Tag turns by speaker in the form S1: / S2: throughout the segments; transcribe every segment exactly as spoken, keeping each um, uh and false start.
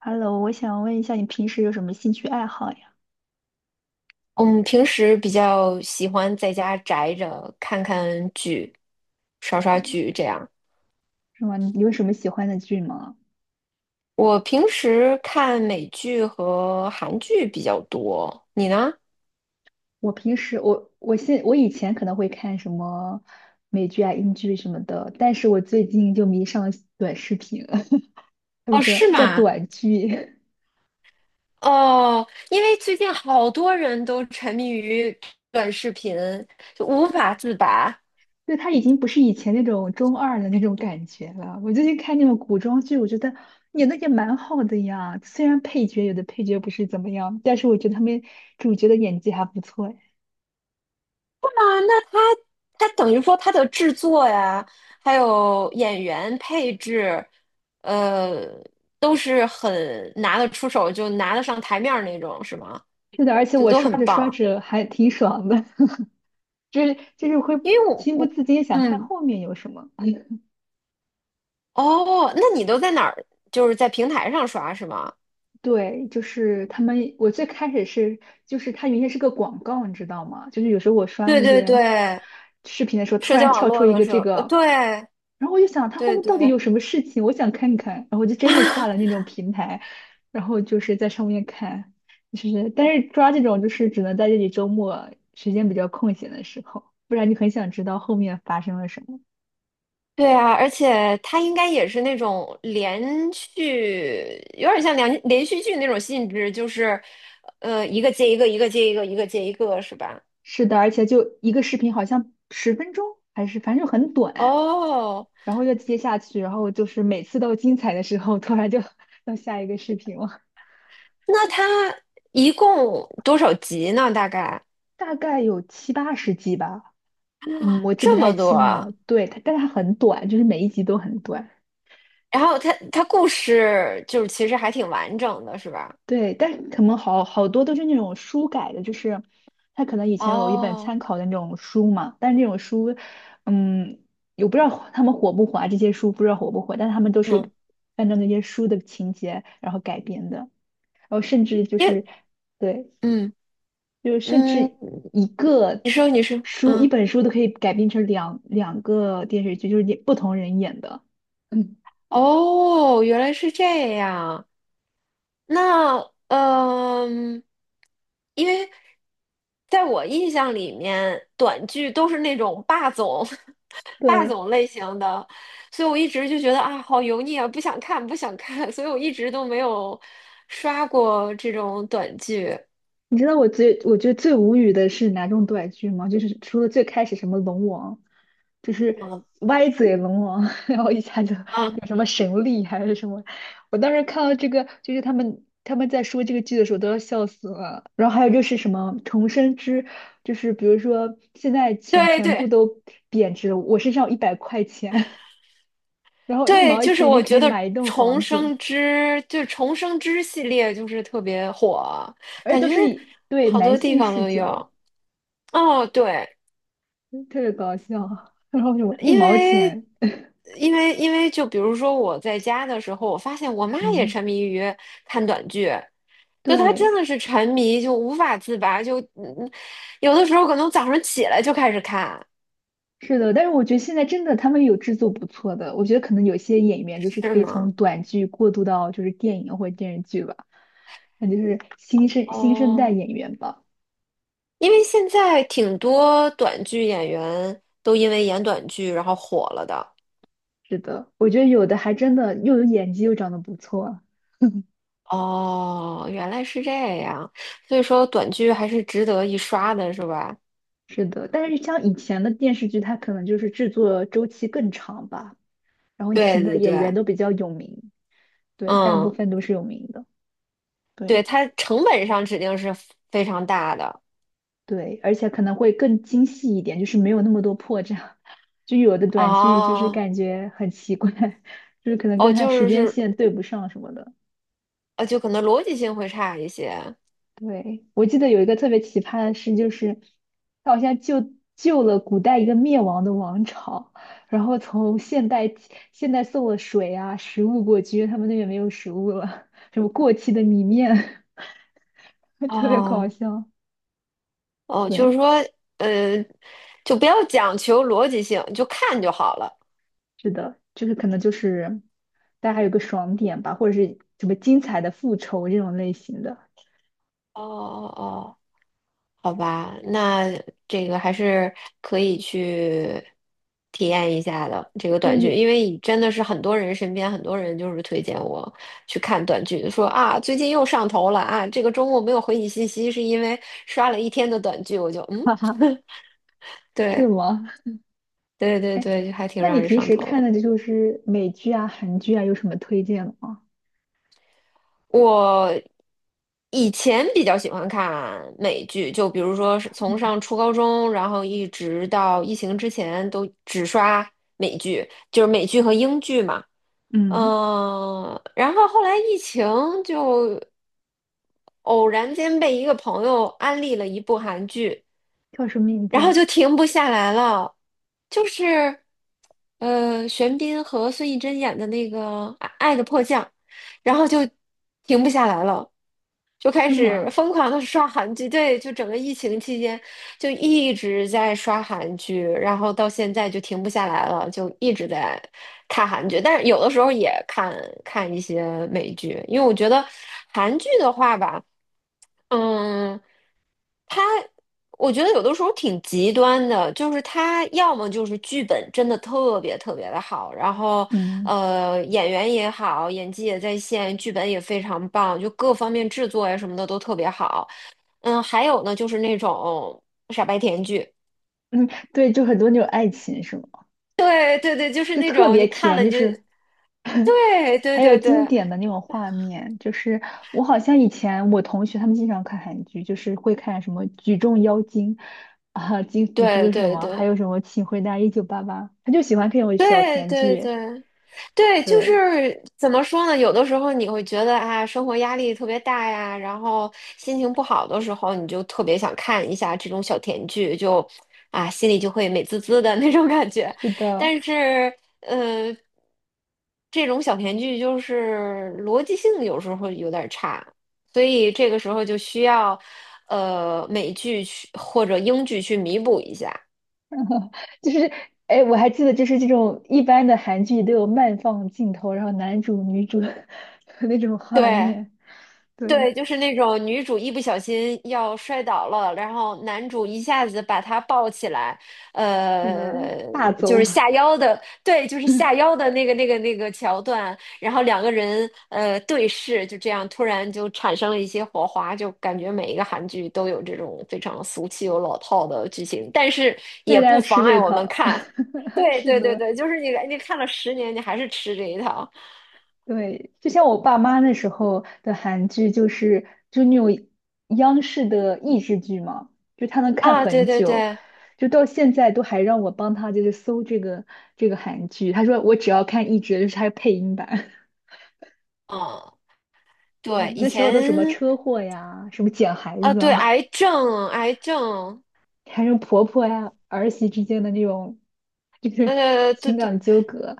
S1: Hello，我想问一下，你平时有什么兴趣爱好呀？
S2: 我们平时比较喜欢在家宅着，看看剧，刷刷剧这样。
S1: 是吗？你有什么喜欢的剧吗？
S2: 我平时看美剧和韩剧比较多，你呢？
S1: 我平时，我我现我以前可能会看什么美剧啊、英剧什么的，但是我最近就迷上了短视频了 他们
S2: 哦，
S1: 说
S2: 是
S1: 叫
S2: 吗？
S1: 短剧，
S2: 哦，因为最近好多人都沉迷于短视频，就无法自拔。
S1: 对，它已经不是以前那种中二的那种感觉了。我最近看那种古装剧，我觉得演的也蛮好的呀。虽然配角有的配角不是怎么样，但是我觉得他们主角的演技还不错哎。
S2: 啊，那它它等于说它的制作呀，还有演员配置，呃，都是很拿得出手，就拿得上台面儿那种，是吗？
S1: 是的，而且
S2: 就
S1: 我
S2: 都
S1: 刷
S2: 很
S1: 着刷
S2: 棒。
S1: 着还挺爽的。就是就是会
S2: 因为我
S1: 情不
S2: 我
S1: 自禁想看
S2: 嗯。
S1: 后面有什么。
S2: 哦，那你都在哪儿？就是在平台上刷是吗？
S1: 对，就是他们，我最开始是，就是它原先是个广告，你知道吗？就是有时候我刷
S2: 对
S1: 那
S2: 对
S1: 些
S2: 对，
S1: 视频的时候，突
S2: 社
S1: 然
S2: 交网
S1: 跳
S2: 络
S1: 出一
S2: 的
S1: 个
S2: 时候，
S1: 这
S2: 呃，
S1: 个，
S2: 对
S1: 然后我就想它后
S2: 对
S1: 面到底
S2: 对，
S1: 有什么事情，我想看看，然后我就真的下了 那种平台，然后就是在上面看，就是但是抓这种就是只能在这里周末时间比较空闲的时候，不然你很想知道后面发生了什么。
S2: 对啊，而且它应该也是那种连续，有点像连连续剧那种性质，就是，呃，一个接一个，一个接一个，一个接一个，是吧？
S1: 是的，而且就一个视频，好像十分钟还是反正就很短，
S2: 哦，
S1: 然后就接下去，然后就是每次都精彩的时候，突然就 到下一个视频了，
S2: 那它一共多少集呢？大概
S1: 大概有七八十集吧，嗯，我记不
S2: 这么
S1: 太
S2: 多
S1: 清
S2: 啊。
S1: 了。对，它，但它很短，就是每一集都很短。
S2: 然后它它故事就是其实还挺完整的，是吧？
S1: 对，但可能好好多都是那种书改的，就是他可能以前有一本
S2: 哦，
S1: 参考的那种书嘛，但是那种书，嗯，我不知道火他们火不火啊，这些书不知道火不火，但他们都是
S2: 嗯，
S1: 按照那些书的情节然后改编的，然后甚至就
S2: 因
S1: 是
S2: 为，
S1: 对，
S2: 嗯
S1: 就是甚
S2: 嗯，
S1: 至一个
S2: 你说你说，
S1: 书一
S2: 嗯，
S1: 本书都可以改编成两两个电视剧，就是也不同人演的，嗯，
S2: 哦，原来是这样。那嗯，因为在我印象里面，短剧都是那种霸总 霸
S1: 对。
S2: 总类型的，所以我一直就觉得啊，好油腻啊，不想看，不想看，所以我一直都没有刷过这种短剧。
S1: 你知道我最我觉得最无语的是哪种短剧吗？就是除了最开始什么龙王，就是
S2: 嗯
S1: 歪嘴龙王，然后一下就
S2: 啊，
S1: 有什么神力还是什么，我当时看到这个，就是他们他们在说这个剧的时候都要笑死了。然后还有就是什么重生之，就是比如说现在钱
S2: 对
S1: 全部
S2: 对
S1: 都贬值了，我身上有一百块钱，然后一
S2: 对，
S1: 毛
S2: 就是
S1: 钱就
S2: 我
S1: 可
S2: 觉
S1: 以
S2: 得
S1: 买一栋
S2: 《重
S1: 房子了，
S2: 生之》就《重生之》系列就是特别火，
S1: 而且
S2: 感
S1: 都
S2: 觉
S1: 是以对
S2: 好
S1: 男
S2: 多地
S1: 性
S2: 方
S1: 视
S2: 都
S1: 角。
S2: 有。哦，对。
S1: 特别搞笑，然后有一
S2: 因
S1: 毛
S2: 为
S1: 钱，
S2: 因为因为就比如说我在家的时候，我发现我妈 也
S1: 嗯，
S2: 沉迷于看短剧，就她真
S1: 对，
S2: 的是沉迷，就无法自拔，就嗯，有的时候可能早上起来就开始看，
S1: 是的，但是我觉得现在真的他们有制作不错的，我觉得可能有些演员就是
S2: 是
S1: 可以
S2: 吗？
S1: 从短剧过渡到就是电影或者电视剧吧，那就是新生新生代
S2: 哦，
S1: 演员吧，
S2: 因为现在挺多短剧演员都因为演短剧然后火了的。
S1: 是的，我觉得有的还真的又有演技又长得不错，
S2: 哦，原来是这样，所以说短剧还是值得一刷的，是吧？
S1: 是的，但是像以前的电视剧，它可能就是制作周期更长吧，然后
S2: 对
S1: 请的
S2: 对
S1: 演
S2: 对，
S1: 员都比较有名，对，大部
S2: 嗯。
S1: 分都是有名的，
S2: 对，
S1: 对。
S2: 它成本上指定是非常大的。
S1: 对，而且可能会更精细一点，就是没有那么多破绽。就有的短剧就是
S2: 哦
S1: 感觉很奇怪，就是可能
S2: 哦，
S1: 跟它
S2: 就
S1: 时
S2: 是
S1: 间
S2: 是
S1: 线对不上什么的。
S2: 呃，就可能逻辑性会差一些。
S1: 对，我记得有一个特别奇葩的事，就是他好像救救了古代一个灭亡的王朝，然后从现代现代送了水啊、食物过去，因为他们那边没有食物了，什么过期的米面，特别搞
S2: 哦
S1: 笑。
S2: 哦，就
S1: 对。
S2: 是说，呃，就不要讲求逻辑性，就看就好了。
S1: 是的，就是可能就是大家有个爽点吧，或者是什么精彩的复仇这种类型的。
S2: 哦哦哦。好吧，那这个还是可以去体验一下的这个
S1: 那
S2: 短剧，
S1: 你，
S2: 因为真的是很多人身边很多人就是推荐我去看短剧，说啊最近又上头了啊，这个周末没有回你信息是因为刷了一天的短剧，我就 嗯，
S1: 哈哈，是
S2: 对
S1: 吗？
S2: 对对
S1: 哎，
S2: 对，就还挺
S1: 那
S2: 让
S1: 你
S2: 人
S1: 平
S2: 上
S1: 时
S2: 头
S1: 看的
S2: 的。
S1: 这就是美剧啊、韩剧啊，有什么推荐的吗？
S2: 我以前比较喜欢看美剧，就比如说是从上初高中，然后一直到疫情之前，都只刷美剧，就是美剧和英剧嘛。
S1: 嗯，
S2: 嗯，然后后来疫情就偶然间被一个朋友安利了一部韩剧，
S1: 叫什么名字
S2: 然后
S1: 啊
S2: 就停不下来了，就是呃，玄彬和孙艺珍演的那个《爱爱的迫降》，然后就停不下来了。就开
S1: 是
S2: 始
S1: 吗？
S2: 疯狂的刷韩剧，对，就整个疫情期间就一直在刷韩剧，然后到现在就停不下来了，就一直在看韩剧，但是有的时候也看看一些美剧，因为我觉得韩剧的话吧。嗯。我觉得有的时候挺极端的，就是他要么就是剧本真的特别特别的好，然后
S1: 嗯
S2: 呃演员也好，演技也在线，剧本也非常棒，就各方面制作呀什么的都特别好。嗯，还有呢就是那种傻白甜剧，
S1: 嗯，对，就很多那种爱情是吗？
S2: 对对对，就是
S1: 就
S2: 那
S1: 特
S2: 种
S1: 别
S2: 你看
S1: 甜，
S2: 了
S1: 就
S2: 你就
S1: 是
S2: 对对
S1: 还有
S2: 对
S1: 经
S2: 对
S1: 典的那种画面，就是我好像以前我同学他们经常看韩剧，就是会看什么《举重妖精》啊，《金福珠》
S2: 对
S1: 什
S2: 对
S1: 么，还
S2: 对
S1: 有什么《请回答一九八八》，他就喜欢这种小
S2: 对
S1: 甜
S2: 对
S1: 剧。
S2: 对。对，就
S1: 对，
S2: 是怎么说呢？有的时候你会觉得啊，生活压力特别大呀，然后心情不好的时候，你就特别想看一下这种小甜剧，就啊，心里就会美滋滋的那种感觉。
S1: 是的，
S2: 但是，呃，这种小甜剧就是逻辑性有时候会有点儿差，所以这个时候就需要呃美剧去或者英剧去弥补一下。
S1: 就是哎，我还记得就是这种一般的韩剧都有慢放镜头，然后男主女主 那种画
S2: 对。
S1: 面，对，
S2: 对，就是那种女主一不小心要摔倒了，然后男主一下子把她抱起来，
S1: 真的
S2: 呃，
S1: 大
S2: 就是
S1: 走。
S2: 下腰的，对，就是下 腰的那个那个那个桥段，然后两个人呃对视，就这样突然就产生了一些火花，就感觉每一个韩剧都有这种非常俗气又老套的剧情，但是
S1: 大
S2: 也不
S1: 家
S2: 妨
S1: 吃
S2: 碍
S1: 这
S2: 我们
S1: 套，
S2: 看。对
S1: 是
S2: 对对
S1: 的，
S2: 对，就是你你看了十年，你还是吃这一套
S1: 对，就像我爸妈那时候的韩剧，就是就那种央视的益智剧嘛，就他能看
S2: 啊！对
S1: 很
S2: 对
S1: 久，
S2: 对。
S1: 就到现在都还让我帮他就是搜这个这个韩剧，他说我只要看益智的就是他配音版。
S2: 嗯，
S1: 对，
S2: 对，以
S1: 那时候都什么
S2: 前
S1: 车祸呀，什么捡孩
S2: 啊，
S1: 子
S2: 对，
S1: 啊，
S2: 癌症，癌症，
S1: 还有婆婆呀、儿媳之间的那种 就是
S2: 呃，对
S1: 情
S2: 对
S1: 感纠葛，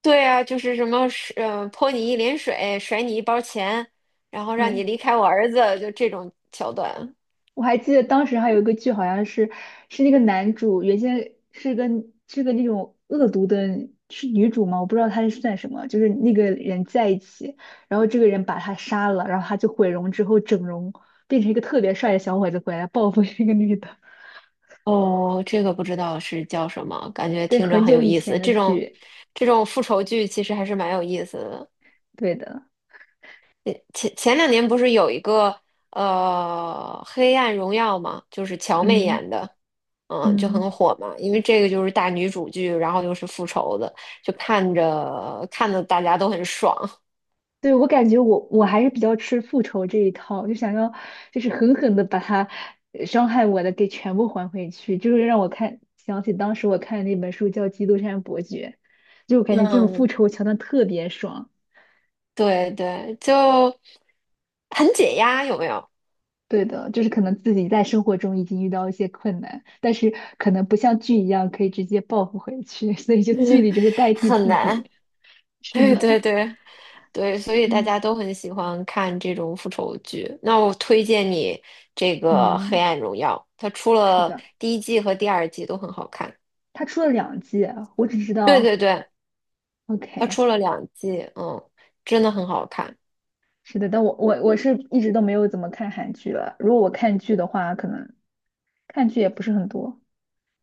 S2: 对啊，就是什么是，呃，泼你一脸水，甩你一包钱，然后让你
S1: 对。
S2: 离开我儿子，就这种桥段。
S1: 我还记得当时还有一个剧，好像是是那个男主原先是个是个那种恶毒的，是女主吗？我不知道他是算什么，就是那个人在一起，然后这个人把他杀了，然后他就毁容之后整容，变成一个特别帅的小伙子回来报复这个女的。
S2: 哦，这个不知道是叫什么，感觉
S1: 对，
S2: 听着
S1: 很
S2: 很
S1: 久
S2: 有
S1: 以
S2: 意
S1: 前
S2: 思。
S1: 的
S2: 这种
S1: 剧，
S2: 这种复仇剧其实还是蛮有意思的。
S1: 对的，
S2: 前前两年不是有一个呃《黑暗荣耀》嘛，就是乔妹
S1: 嗯
S2: 演的，嗯，就很
S1: 嗯。
S2: 火嘛。因为这个就是大女主剧，然后又是复仇的，就看着看的大家都很爽。
S1: 对，我感觉我我还是比较吃复仇这一套，就想要就是狠狠的把他呃伤害我的给全部还回去，就是让我看想起当时我看的那本书叫《基督山伯爵》，就我感觉这种复
S2: 嗯，
S1: 仇桥段特别爽。
S2: 对对，就很解压，有没有？
S1: 对的，就是可能自己在生活中已经遇到一些困难，但是可能不像剧一样可以直接报复回去，所以就剧 里就是代替
S2: 很
S1: 自
S2: 难，
S1: 己。是
S2: 对
S1: 的，
S2: 对对。对，所以大
S1: 对，
S2: 家都很喜欢看这种复仇剧。那我推荐你这个《黑
S1: 嗯，
S2: 暗荣耀》，它出
S1: 是
S2: 了
S1: 的，
S2: 第一季和第二季都很好看。
S1: 他出了两季啊，我只知
S2: 对对
S1: 道
S2: 对，它出
S1: ，OK。
S2: 了两季，嗯，真的很好看。
S1: 是的，但我我我是一直都没有怎么看韩剧了。如果我看剧的话，可能看剧也不是很多，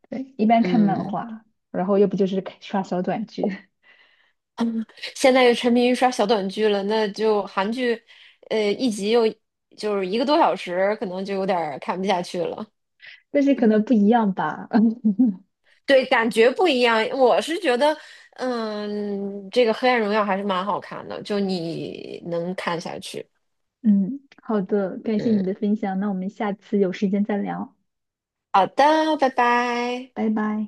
S1: 对，一般看漫
S2: 嗯，
S1: 画，然后要不就是看刷小短剧，
S2: 现在又沉迷于刷小短剧了，那就韩剧，呃，一集又就是一个多小时，可能就有点儿看不下去了。
S1: 但是可
S2: 嗯，
S1: 能不一样吧。
S2: 对，感觉不一样。我是觉得，嗯，这个《黑暗荣耀》还是蛮好看的，就你能看下去。
S1: 嗯，好的，感谢你的
S2: 嗯，
S1: 分享，那我们下次有时间再聊，
S2: 好的，拜拜。
S1: 拜拜。